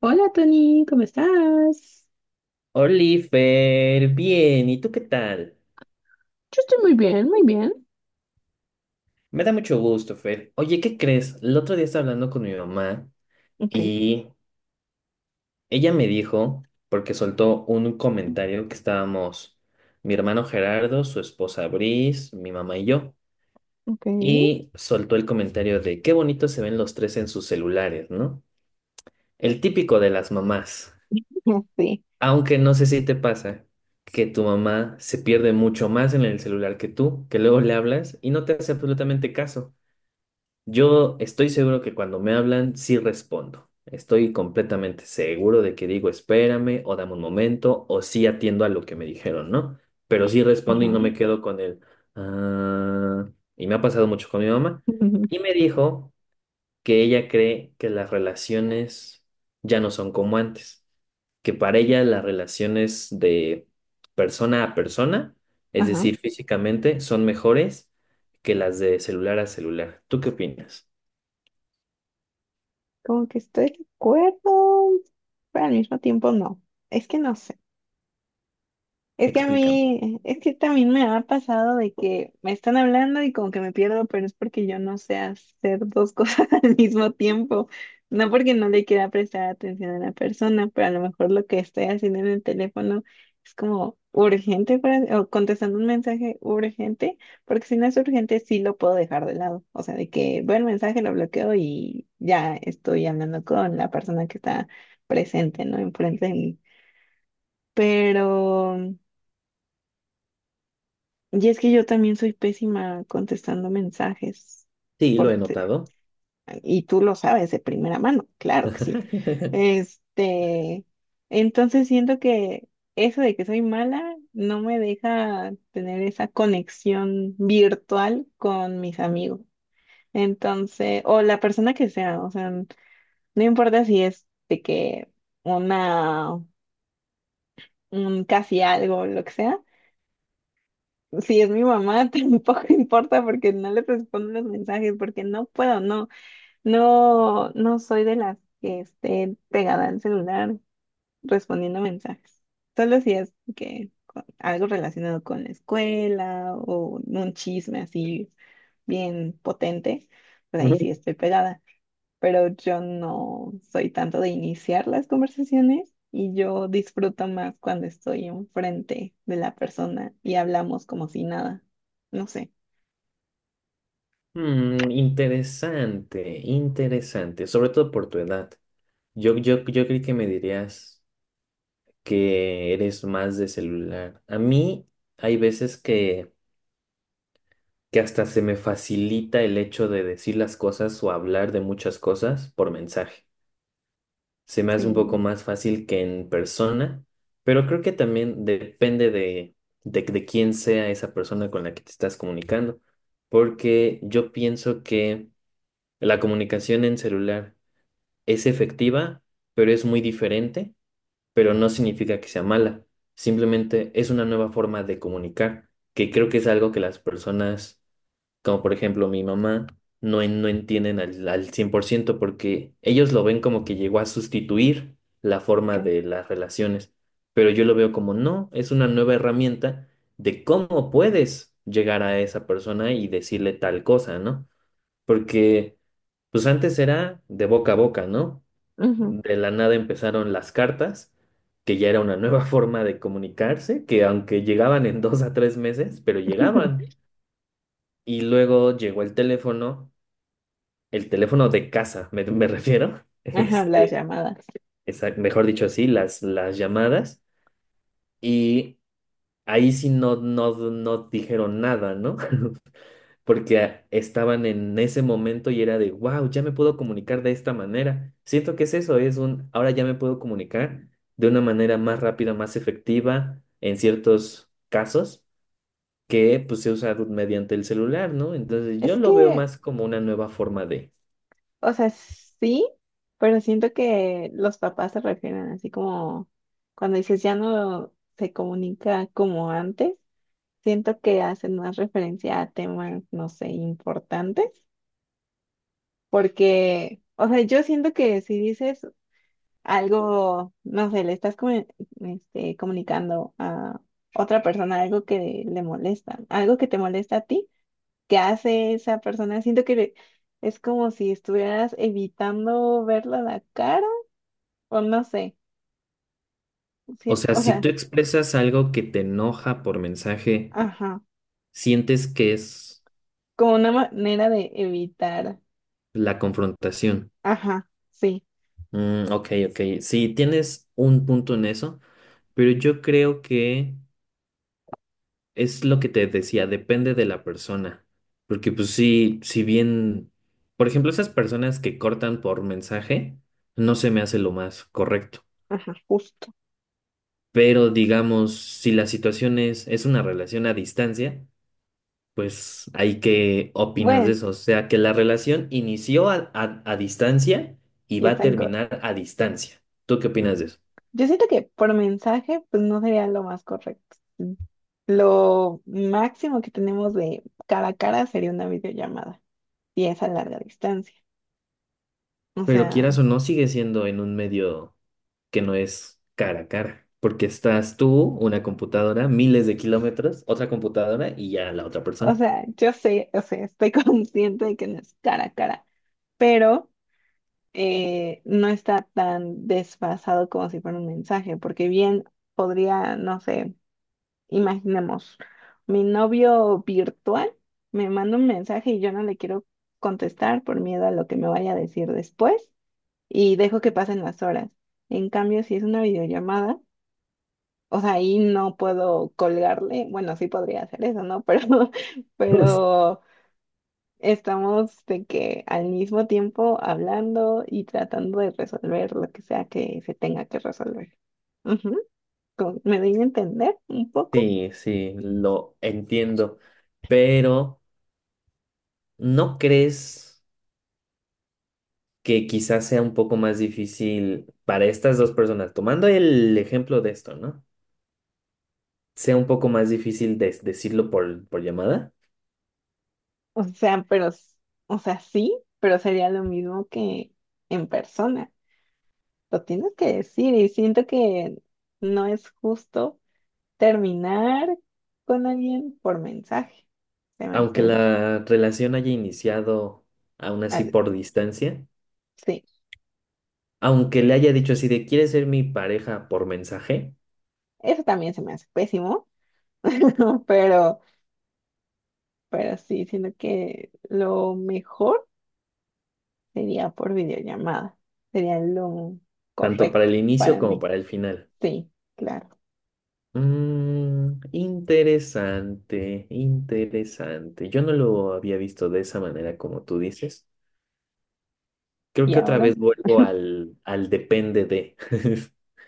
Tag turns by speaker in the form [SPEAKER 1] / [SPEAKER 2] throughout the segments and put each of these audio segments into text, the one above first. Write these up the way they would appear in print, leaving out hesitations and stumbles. [SPEAKER 1] Hola Tony, ¿cómo estás?
[SPEAKER 2] Oliver, bien, ¿y tú qué tal?
[SPEAKER 1] Yo estoy muy bien, muy bien.
[SPEAKER 2] Me da mucho gusto, Fer. Oye, ¿qué crees? El otro día estaba hablando con mi mamá
[SPEAKER 1] Ok,
[SPEAKER 2] y ella me dijo, porque soltó un comentario que estábamos mi hermano Gerardo, su esposa Brice, mi mamá y yo,
[SPEAKER 1] ok,
[SPEAKER 2] y soltó el comentario de qué bonito se ven los tres en sus celulares, ¿no? El típico de las mamás.
[SPEAKER 1] ya, sí,
[SPEAKER 2] Aunque no sé si te pasa que tu mamá se pierde mucho más en el celular que tú, que luego le hablas y no te hace absolutamente caso. Yo estoy seguro que cuando me hablan sí respondo. Estoy completamente seguro de que digo espérame o dame un momento o sí atiendo a lo que me dijeron, ¿no? Pero sí respondo y
[SPEAKER 1] ajá,
[SPEAKER 2] no me quedo con el ah. Y me ha pasado mucho con mi mamá. Y me dijo que ella cree que las relaciones ya no son como antes, que para ella las relaciones de persona a persona, es
[SPEAKER 1] ajá,
[SPEAKER 2] decir, físicamente, son mejores que las de celular a celular. ¿Tú qué opinas?
[SPEAKER 1] como que estoy de acuerdo, pero al mismo tiempo no, es que no sé. Es que a
[SPEAKER 2] Explícame.
[SPEAKER 1] mí, es que también me ha pasado de que me están hablando y como que me pierdo, pero es porque yo no sé hacer dos cosas al mismo tiempo. No porque no le quiera prestar atención a la persona, pero a lo mejor lo que estoy haciendo en el teléfono es como urgente o contestando un mensaje urgente, porque si no es urgente sí lo puedo dejar de lado. O sea, de que veo el mensaje, lo bloqueo y ya estoy hablando con la persona que está presente, ¿no? Enfrente de mí. Pero... Y es que yo también soy pésima contestando mensajes
[SPEAKER 2] Sí, lo
[SPEAKER 1] por
[SPEAKER 2] he
[SPEAKER 1] te-
[SPEAKER 2] notado.
[SPEAKER 1] y tú lo sabes de primera mano, claro que sí. Este, entonces siento que eso de que soy mala no me deja tener esa conexión virtual con mis amigos. Entonces, o la persona que sea, o sea, no importa si es de que una, un casi algo, lo que sea. Si es mi mamá, tampoco importa porque no le respondo los mensajes, porque no puedo, no soy de las que esté pegada al celular respondiendo mensajes. Solo si es que algo relacionado con la escuela o un chisme así bien potente, pues ahí
[SPEAKER 2] Ujú.
[SPEAKER 1] sí estoy pegada, pero yo no soy tanto de iniciar las conversaciones y yo disfruto más cuando estoy enfrente de la persona y hablamos como si nada. No sé.
[SPEAKER 2] Mm, interesante, interesante, sobre todo por tu edad. Yo creí que me dirías que eres más de celular. A mí hay veces que hasta se me facilita el hecho de decir las cosas o hablar de muchas cosas por mensaje. Se me hace un poco
[SPEAKER 1] Sí,
[SPEAKER 2] más fácil que en persona, pero creo que también depende de quién sea esa persona con la que te estás comunicando, porque yo pienso que la comunicación en celular es efectiva, pero es muy diferente, pero no significa que sea mala, simplemente es una nueva forma de comunicar, que creo que es algo que las personas como por ejemplo mi mamá, no, no entienden al 100% porque ellos lo ven como que llegó a sustituir la forma
[SPEAKER 1] ok.
[SPEAKER 2] de las relaciones, pero yo lo veo como no, es una nueva herramienta de cómo puedes llegar a esa persona y decirle tal cosa, ¿no? Porque pues antes era de boca a boca, ¿no?
[SPEAKER 1] Ujú.
[SPEAKER 2] De la nada empezaron las cartas, que ya era una nueva forma de comunicarse, que aunque llegaban en dos a tres meses, pero llegaban. Y luego llegó el teléfono de casa, me refiero,
[SPEAKER 1] Ajá, las llamadas.
[SPEAKER 2] mejor dicho así, las llamadas. Y ahí sí no dijeron nada, ¿no? Porque estaban en ese momento y era de, wow, ya me puedo comunicar de esta manera. Siento que es eso, ahora ya me puedo comunicar de una manera más rápida, más efectiva en ciertos casos que pues, se usa mediante el celular, ¿no? Entonces yo
[SPEAKER 1] Es
[SPEAKER 2] lo veo
[SPEAKER 1] que,
[SPEAKER 2] más como una nueva forma.
[SPEAKER 1] o sea, sí, pero siento que los papás se refieren así como cuando dices ya no se comunica como antes, siento que hacen más referencia a temas, no sé, importantes. Porque, o sea, yo siento que si dices algo, no sé, le estás comunicando a otra persona algo que le molesta, algo que te molesta a ti, que hace esa persona, siento que es como si estuvieras evitando verla la cara, o no sé,
[SPEAKER 2] O
[SPEAKER 1] sí,
[SPEAKER 2] sea,
[SPEAKER 1] o
[SPEAKER 2] si
[SPEAKER 1] sea,
[SPEAKER 2] tú expresas algo que te enoja por mensaje,
[SPEAKER 1] ajá,
[SPEAKER 2] sientes que es
[SPEAKER 1] como una manera de evitar,
[SPEAKER 2] la confrontación.
[SPEAKER 1] ajá, sí,
[SPEAKER 2] Mm, ok, ok. Sí, tienes un punto en eso, pero yo creo que es lo que te decía, depende de la persona. Porque pues sí, si bien, por ejemplo, esas personas que cortan por mensaje, no se me hace lo más correcto.
[SPEAKER 1] ajá, justo.
[SPEAKER 2] Pero digamos, si la situación es una relación a distancia. Pues, ¿ahí qué opinas de
[SPEAKER 1] Bueno,
[SPEAKER 2] eso? O sea, que la relación inició a distancia y
[SPEAKER 1] ya
[SPEAKER 2] va a
[SPEAKER 1] están.
[SPEAKER 2] terminar a distancia. ¿Tú qué opinas de
[SPEAKER 1] Mm,
[SPEAKER 2] eso?
[SPEAKER 1] yo siento que por mensaje, pues no sería lo más correcto. Mm, lo máximo que tenemos de cara a cara sería una videollamada, y es a larga distancia. O
[SPEAKER 2] Pero
[SPEAKER 1] sea,
[SPEAKER 2] quieras o no, sigue siendo en un medio que no es cara a cara, porque estás tú, una computadora, miles de kilómetros, otra computadora y ya la otra
[SPEAKER 1] o
[SPEAKER 2] persona.
[SPEAKER 1] sea, yo sé, o sea, estoy consciente de que no es cara a cara, pero no está tan desfasado como si fuera un mensaje, porque bien podría, no sé. Imaginemos, mi novio virtual me manda un mensaje y yo no le quiero contestar por miedo a lo que me vaya a decir después y dejo que pasen las horas. En cambio, si es una videollamada, o sea, ahí no puedo colgarle, bueno, sí podría hacer eso, ¿no? Pero,
[SPEAKER 2] Pues,
[SPEAKER 1] pero estamos de que al mismo tiempo hablando y tratando de resolver lo que sea que se tenga que resolver. Ujú, ¿me doy a entender un poco?
[SPEAKER 2] sí, sí, lo entiendo, pero ¿no crees que quizás sea un poco más difícil para estas dos personas? Tomando el ejemplo de esto, ¿no? Sea un poco más difícil decirlo por llamada,
[SPEAKER 1] O sea, pero, s- o sea, sí, pero sería lo mismo que en persona. Lo tienes que decir y siento que no es justo terminar con alguien por mensaje. Se me
[SPEAKER 2] aunque
[SPEAKER 1] hacen,
[SPEAKER 2] la relación haya iniciado aún así
[SPEAKER 1] ah,
[SPEAKER 2] por distancia,
[SPEAKER 1] sí,
[SPEAKER 2] aunque le haya dicho así de quieres ser mi pareja por mensaje,
[SPEAKER 1] eso también se me hace pésimo, pero, pero sí, siento que lo mejor sería por videollamada. Sería lo
[SPEAKER 2] tanto para
[SPEAKER 1] correcto
[SPEAKER 2] el inicio
[SPEAKER 1] para
[SPEAKER 2] como
[SPEAKER 1] mí.
[SPEAKER 2] para el final.
[SPEAKER 1] Sí, claro.
[SPEAKER 2] Mm, interesante, interesante. Yo no lo había visto de esa manera como tú dices. Creo
[SPEAKER 1] Y
[SPEAKER 2] que otra
[SPEAKER 1] ahora,
[SPEAKER 2] vez vuelvo al depende de,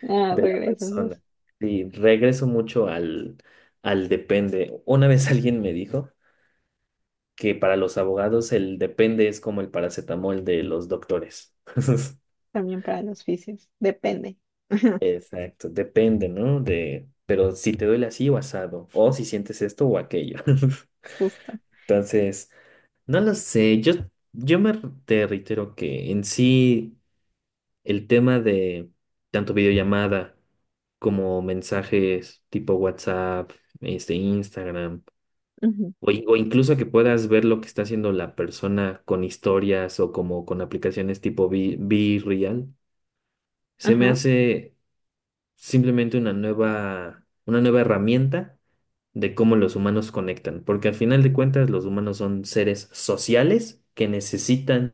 [SPEAKER 1] ah,
[SPEAKER 2] de la
[SPEAKER 1] regresas.
[SPEAKER 2] persona. Y regreso mucho al depende. Una vez alguien me dijo que para los abogados el depende es como el paracetamol de los doctores.
[SPEAKER 1] También para los fisios. Depende.
[SPEAKER 2] Exacto, depende, ¿no? De, pero si te duele así o asado, o si sientes esto o aquello.
[SPEAKER 1] Justo.
[SPEAKER 2] Entonces, no lo sé, yo te reitero que en sí el tema de tanto videollamada como mensajes tipo WhatsApp, Instagram.
[SPEAKER 1] Ujú.
[SPEAKER 2] O, incluso que puedas ver lo que está haciendo la persona con historias o como con aplicaciones tipo Be Real, se me
[SPEAKER 1] Ajá.
[SPEAKER 2] hace simplemente una nueva herramienta de cómo los humanos conectan, porque al final de cuentas los humanos son seres sociales que necesitan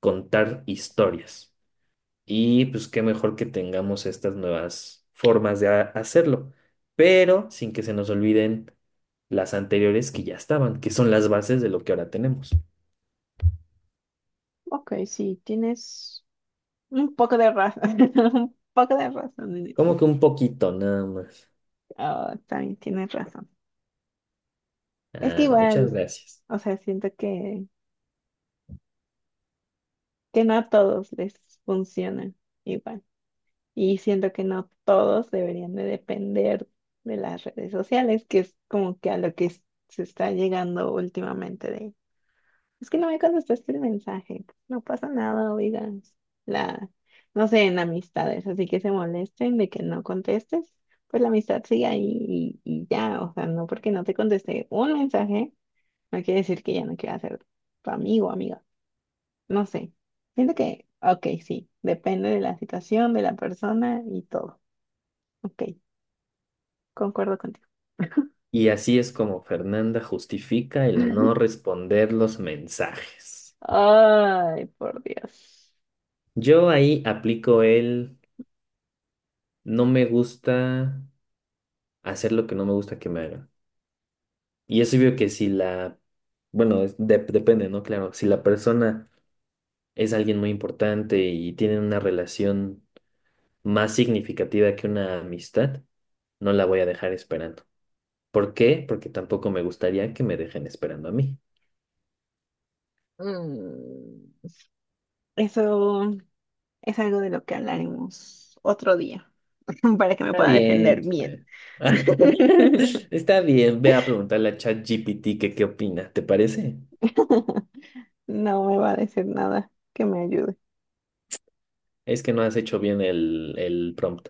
[SPEAKER 2] contar historias. Y pues qué mejor que tengamos estas nuevas formas de hacerlo, pero sin que se nos olviden las anteriores que ya estaban, que son las bases de lo que ahora tenemos.
[SPEAKER 1] Ok, sí, tienes un poco de razón. Un poco de razón en eso.
[SPEAKER 2] Como que un poquito nada más.
[SPEAKER 1] Ah, también tienes razón. Es que
[SPEAKER 2] Ah, muchas
[SPEAKER 1] igual,
[SPEAKER 2] gracias.
[SPEAKER 1] o sea, siento que no a todos les funciona igual. Y siento que no todos deberían de depender de las redes sociales, que es como que a lo que se está llegando últimamente de es que no me contestaste el mensaje. No pasa nada, oigan. La, no sé, en amistades, así que se molesten de que no contestes. Pues la amistad sigue ahí y ya. O sea, no porque no te contesté un mensaje, no quiere decir que ya no quiera ser tu amigo o amiga. No sé. Siento que, ok, sí. Depende de la situación, de la persona y todo. Ok, concuerdo contigo.
[SPEAKER 2] Y así es como Fernanda justifica el no responder los mensajes.
[SPEAKER 1] Ay, por Dios.
[SPEAKER 2] Yo ahí aplico el no me gusta hacer lo que no me gusta que me hagan. Y es obvio que si la, bueno, depende, ¿no? Claro, si la persona es alguien muy importante y tienen una relación más significativa que una amistad, no la voy a dejar esperando. ¿Por qué? Porque tampoco me gustaría que me dejen esperando a mí.
[SPEAKER 1] Mm, eso. Es algo de lo que hablaremos otro día, para que me
[SPEAKER 2] Está
[SPEAKER 1] pueda
[SPEAKER 2] bien.
[SPEAKER 1] defender bien.
[SPEAKER 2] Está bien, ve a preguntarle a ChatGPT que qué opina, ¿te parece?
[SPEAKER 1] No me va a decir nada que me ayude.
[SPEAKER 2] Es que no has hecho bien el prompt.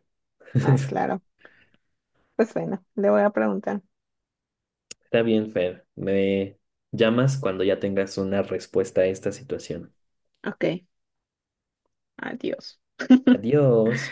[SPEAKER 1] Ah, claro. Pues bueno, le voy a preguntar.
[SPEAKER 2] Está bien, Fer. Me llamas cuando ya tengas una respuesta a esta situación.
[SPEAKER 1] Ok, adiós.
[SPEAKER 2] Adiós.